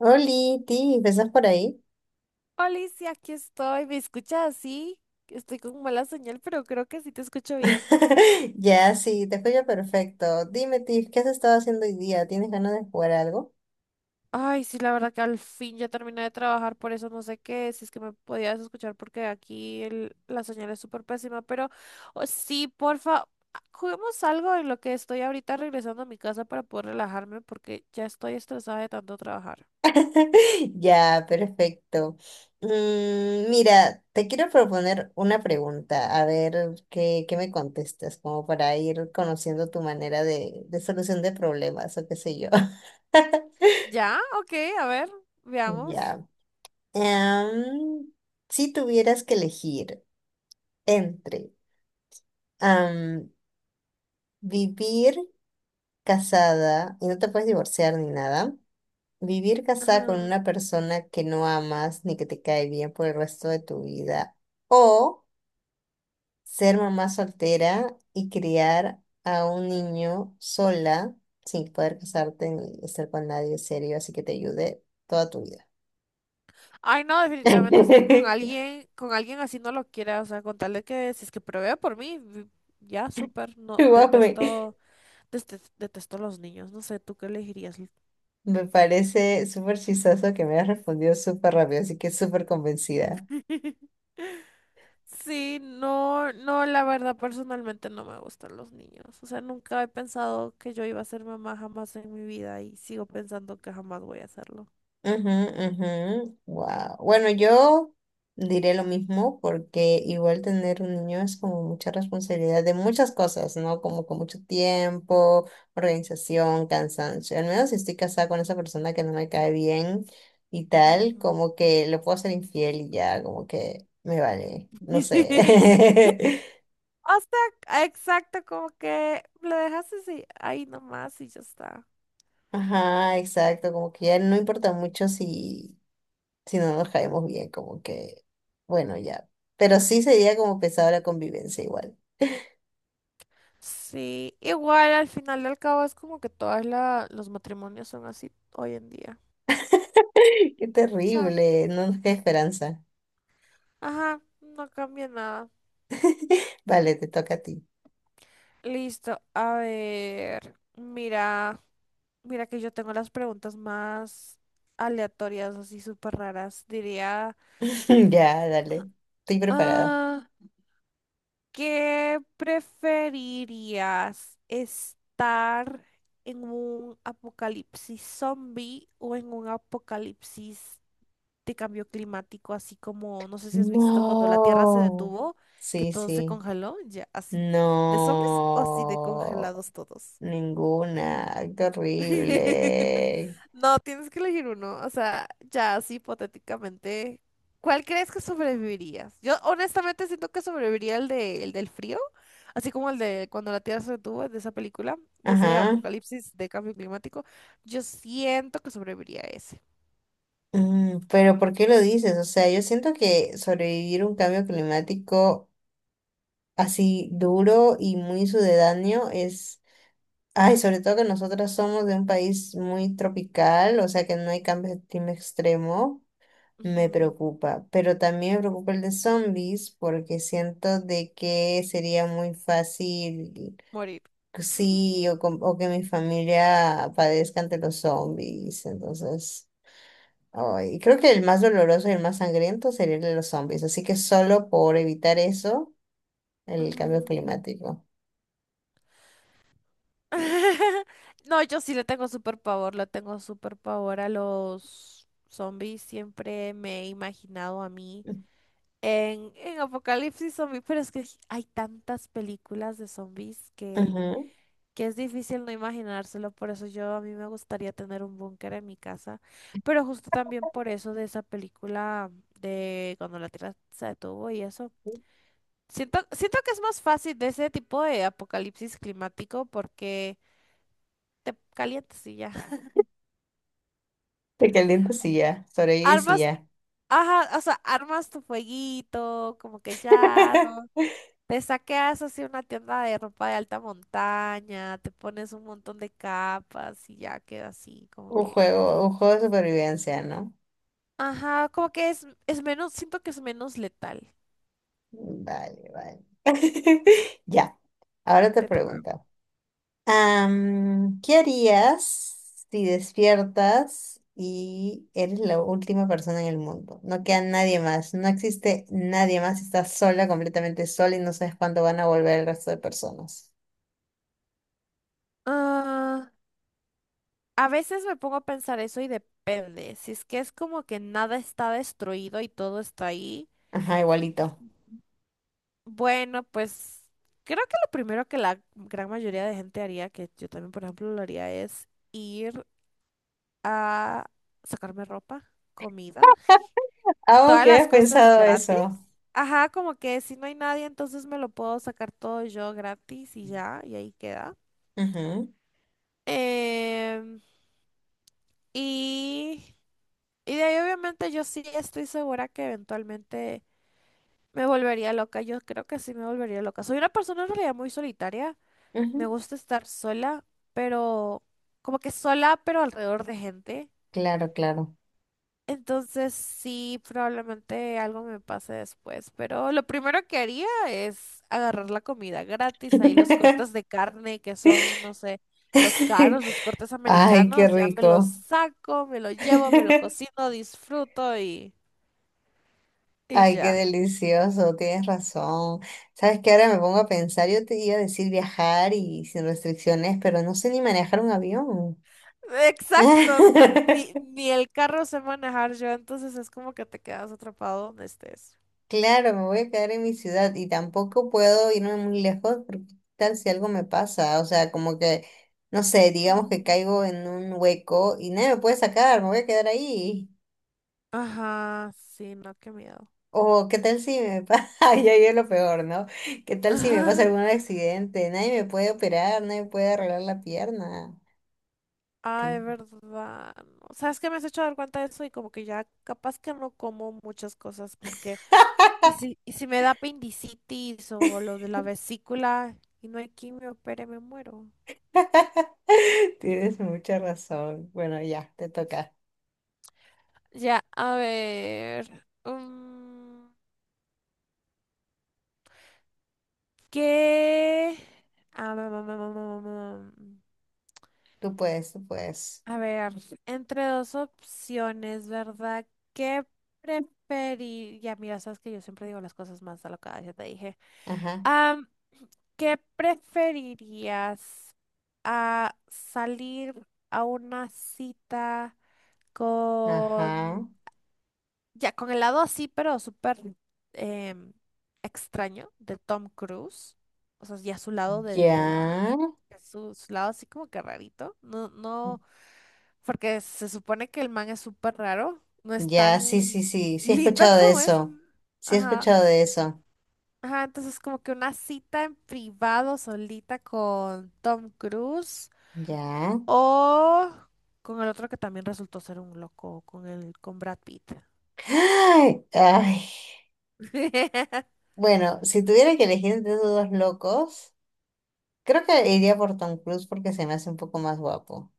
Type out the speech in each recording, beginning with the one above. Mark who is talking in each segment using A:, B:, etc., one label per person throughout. A: Oli, Tiff, ¿estás por ahí?
B: Alicia, aquí estoy. ¿Me escuchas así? Estoy con mala señal, pero creo que sí te escucho bien.
A: Ya, sí, te escucho perfecto. Dime, Tiff, ¿qué has estado haciendo hoy día? ¿Tienes ganas de jugar algo?
B: Ay, sí, la verdad que al fin ya terminé de trabajar, por eso no sé qué, si es que me podías escuchar porque aquí la señal es súper pésima, pero oh, sí, porfa, juguemos algo en lo que estoy ahorita regresando a mi casa para poder relajarme porque ya estoy estresada de tanto trabajar.
A: Ya, perfecto. Mira, te quiero proponer una pregunta, a ver qué me contestas, como para ir conociendo tu manera de solución de problemas o qué sé yo.
B: ¿Ya? Ok, a ver, veamos.
A: Ya. Em, si tuvieras que elegir entre em, vivir casada y no te puedes divorciar ni nada, vivir casada con
B: Ajá.
A: una persona que no amas ni que te cae bien por el resto de tu vida, o ser mamá soltera y criar a un niño sola sin poder casarte ni estar con nadie serio, así que te ayude toda tu vida.
B: Ay, no, definitivamente estoy con alguien así no lo quiera, o sea, con tal de que si es que provea por mí, ya, súper, no,
A: Guau,
B: detesto, detesto los niños, no sé, ¿tú qué elegirías?
A: me parece súper chistoso que me hayas respondido súper rápido, así que súper convencida.
B: Sí, no, no, la verdad personalmente no me gustan los niños, o sea, nunca he pensado que yo iba a ser mamá jamás en mi vida y sigo pensando que jamás voy a hacerlo.
A: Wow. Bueno, yo diré lo mismo porque igual tener un niño es como mucha responsabilidad de muchas cosas, ¿no? Como con mucho tiempo, organización, cansancio. Al menos si estoy casada con esa persona que no me cae bien y tal,
B: Ujú.
A: como que le puedo ser infiel y ya, como que me vale, no sé.
B: O sea, exacto, como que lo dejas así, ahí nomás y ya está.
A: Ajá, exacto, como que ya no importa mucho si no nos caemos bien, como que, bueno, ya. Pero sí sería como pesada la convivencia igual.
B: Sí, igual al final del cabo es como que todos los matrimonios son así hoy en día.
A: Qué
B: O sea,
A: terrible, no nos queda esperanza.
B: ajá, no cambia nada.
A: Vale, te toca a ti.
B: Listo, a ver, mira, mira que yo tengo las preguntas más aleatorias, así súper raras. Diría,
A: Ya, dale. Estoy preparada.
B: ah, ¿qué preferirías? ¿Estar en un apocalipsis zombie o en un apocalipsis de cambio climático? Así como, no sé si has visto cuando la Tierra se
A: No.
B: detuvo, que
A: Sí,
B: todo se
A: sí.
B: congeló, ya así. ¿De zombies o así de
A: No.
B: congelados todos?
A: Ninguna. Ay, qué horrible.
B: No, tienes que elegir uno. O sea, ya así hipotéticamente, ¿cuál crees que sobrevivirías? Yo honestamente siento que sobreviviría el del frío, así como el de cuando la Tierra se detuvo, de esa película, de ese
A: Ajá.
B: apocalipsis de cambio climático. Yo siento que sobreviviría a ese.
A: Mm, pero ¿por qué lo dices? O sea, yo siento que sobrevivir un cambio climático así duro y muy sucedáneo es, ay, sobre todo que nosotros somos de un país muy tropical, o sea que no hay cambios de clima extremo, me
B: Ujú,
A: preocupa. Pero también me preocupa el de zombies porque siento de que sería muy fácil,
B: Morir.
A: sí, o, o que mi familia padezca ante los zombies, entonces... ay, creo que el más doloroso y el más sangriento sería el de los zombies, así que solo por evitar eso, el cambio
B: Ujú.
A: climático.
B: No, yo sí le tengo súper pavor, le tengo súper pavor a los zombies. Siempre me he imaginado a mí. En Apocalipsis Zombie, pero es que hay tantas películas de zombies que es difícil no imaginárselo, por eso yo a mí me gustaría tener un búnker en mi casa, pero justo también por eso de esa película de cuando la Tierra se detuvo y eso. Siento que es más fácil de ese tipo de apocalipsis climático porque te calientas y ya.
A: Te calientas y ya, sobrevives y sí
B: Armas,
A: ya.
B: ajá, o sea, armas tu fueguito, como que ya. No. Te saqueas así una tienda de ropa de alta montaña, te pones un montón de capas y ya queda así, como
A: Un
B: que...
A: juego de supervivencia, ¿no?
B: Ajá, como que es menos, siento que es menos letal.
A: Vale, vale. Ya, ahora te
B: Te toca.
A: pregunto. ¿Qué harías si despiertas y eres la última persona en el mundo? No queda nadie más, no existe nadie más, estás sola, completamente sola y no sabes cuándo van a volver el resto de personas.
B: Ah, a veces me pongo a pensar eso y depende. Si es que es como que nada está destruido y todo está ahí,
A: Ajá, igualito.
B: bueno, pues creo que lo primero que la gran mayoría de gente haría, que yo también, por ejemplo, lo haría, es ir a sacarme ropa, comida.
A: Ah, ok,
B: Todas
A: has
B: las cosas
A: pensado
B: gratis.
A: eso.
B: Ajá, como que si no hay nadie, entonces me lo puedo sacar todo yo gratis y ya, y ahí queda. Em, y, y de ahí obviamente yo sí estoy segura que eventualmente me volvería loca. Yo creo que sí me volvería loca. Soy una persona en realidad muy solitaria.
A: Ujú, ujú.
B: Me gusta estar sola, pero como que sola, pero alrededor de gente.
A: Claro, claro.
B: Entonces sí, probablemente algo me pase después, pero lo primero que haría es agarrar la comida gratis, ahí los cortes de carne que son, no sé, los caros, los cortes
A: Ay, qué
B: americanos, ya me los
A: rico.
B: saco, me lo llevo, me lo cocino, disfruto y
A: Ay, qué
B: ya.
A: delicioso, tienes razón. Sabes que ahora me pongo a pensar, yo te iba a decir viajar y sin restricciones, pero no sé ni manejar un avión.
B: Exacto, ni el carro sé manejar yo, entonces es como que te quedas atrapado donde estés.
A: Claro, me voy a quedar en mi ciudad y tampoco puedo irme muy lejos porque qué tal si algo me pasa, o sea, como que, no sé, digamos que
B: Mm.
A: caigo en un hueco y nadie me puede sacar, me voy a quedar ahí.
B: Ajá, sí, no, qué miedo.
A: O qué tal si me pasa, ya es lo peor, ¿no? ¿Qué tal si me pasa algún accidente? Nadie me puede operar, nadie me puede arreglar la pierna.
B: Ah, de
A: Tien-
B: verdad. No. O sea, es que me has hecho dar cuenta de eso y como que ya capaz que no como muchas cosas porque... y si me da apendicitis o lo de la vesícula y no hay quimio, opere, me muero.
A: Tienes mucha razón. Bueno, ya, te toca.
B: Ya, a ver. ¿Qué? Ah, mm, mm.
A: Tú puedes, tú puedes.
B: A ver, entre dos opciones, ¿verdad? ¿Qué preferiría? Mira, sabes que yo siempre digo las cosas más alocadas, ya te dije.
A: Ajá,
B: Am, ¿qué preferirías? ¿A salir a una cita
A: ajá.
B: con... ya, con el lado así, pero súper em, extraño de Tom Cruise? O sea, ya su lado
A: Ya,
B: de la... de su lado así como que rarito. No, no, porque se supone que el man es súper raro. No es
A: ya, sí, sí,
B: tan
A: sí, sí he
B: lindo
A: escuchado de
B: como es.
A: eso. Sí he
B: Ajá.
A: escuchado de eso.
B: Ajá, entonces como que una cita en privado solita con Tom Cruise
A: Ya.
B: o con el otro que también resultó ser un loco, con el con Brad Pitt.
A: Ay, ay. Bueno, si tuviera que elegir entre esos dos locos. Creo que iría por Tom Cruise porque se me hace un poco más guapo.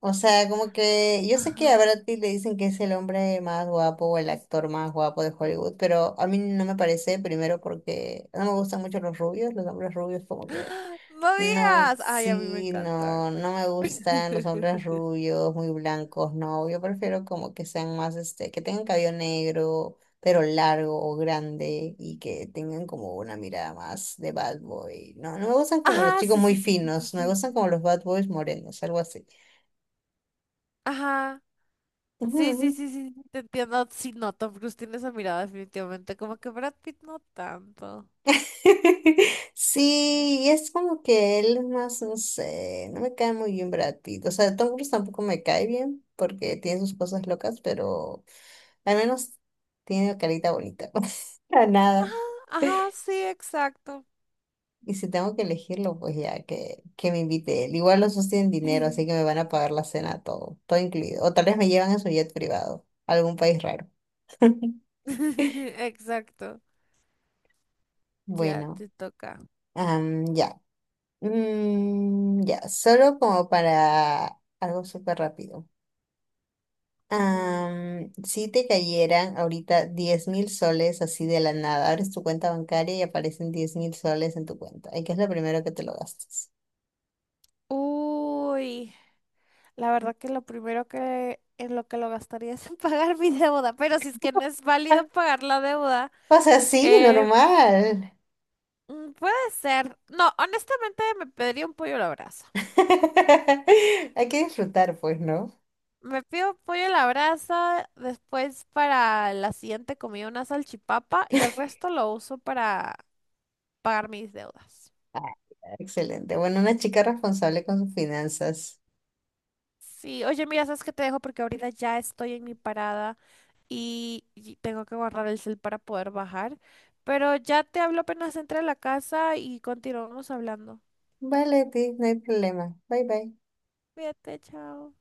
A: O sea, como que yo sé que a
B: Ajá.
A: Brad Pitt le dicen que es el hombre más guapo o el actor más guapo de Hollywood, pero a mí no me parece, primero porque no me gustan mucho los rubios, los hombres rubios como que
B: ¡Ah! No
A: no,
B: digas. Ay, a mí me
A: sí,
B: encantan.
A: no, no me gustan los hombres rubios, muy blancos, no, yo prefiero como que sean más, este, que tengan cabello negro, pero largo o grande y que tengan como una mirada más de bad boy. No, no me gustan como los
B: Ajá,
A: chicos
B: sí,
A: muy
B: sí, sí, sí, sí.
A: finos, me
B: Sí.
A: gustan como los bad boys morenos, algo así.
B: Ajá. Sí, sí, sí, sí, sí, te entiendo. Sí, no, Tom Cruise tiene esa mirada definitivamente, como que Brad Pitt no tanto.
A: Sí, y es como que él es más, no sé, no me cae muy bien Brad Pitt. O sea, Tom Cruise tampoco me cae bien porque tiene sus cosas locas, pero al menos tiene carita bonita. Para
B: Ajá,
A: nada.
B: ajá, sí, exacto.
A: Y si tengo que elegirlo, pues ya que me invite él. Igual los dos tienen dinero, así que me van a pagar la cena todo incluido. O tal vez me llevan en su jet privado, a algún país raro.
B: Exacto. Ya
A: Bueno,
B: te toca.
A: ya. Mm, ya, solo como para algo súper rápido.
B: Ujú.
A: Si te cayeran ahorita 10.000 soles así de la nada, abres tu cuenta bancaria y aparecen 10.000 soles en tu cuenta. ¿Y qué es lo primero que te lo gastas?
B: Uy, la verdad que lo primero que en lo que lo gastaría es en pagar mi deuda, pero si es que no es válido pagar la deuda,
A: O sea, sí,
B: eh,
A: normal.
B: puede ser. No, honestamente me pediría un pollo a la brasa.
A: Hay que disfrutar, pues, ¿no?
B: Me pido pollo a la brasa, después para la siguiente comida una salchipapa y el resto lo uso para pagar mis deudas.
A: Ah, excelente. Bueno, una chica responsable con sus finanzas.
B: Sí, oye, mira, sabes que te dejo porque ahorita ya estoy en mi parada y tengo que guardar el cel para poder bajar. Pero ya te hablo apenas entre a la casa y continuamos hablando.
A: Vale, Ti, no hay problema. Bye bye.
B: Cuídate, chao.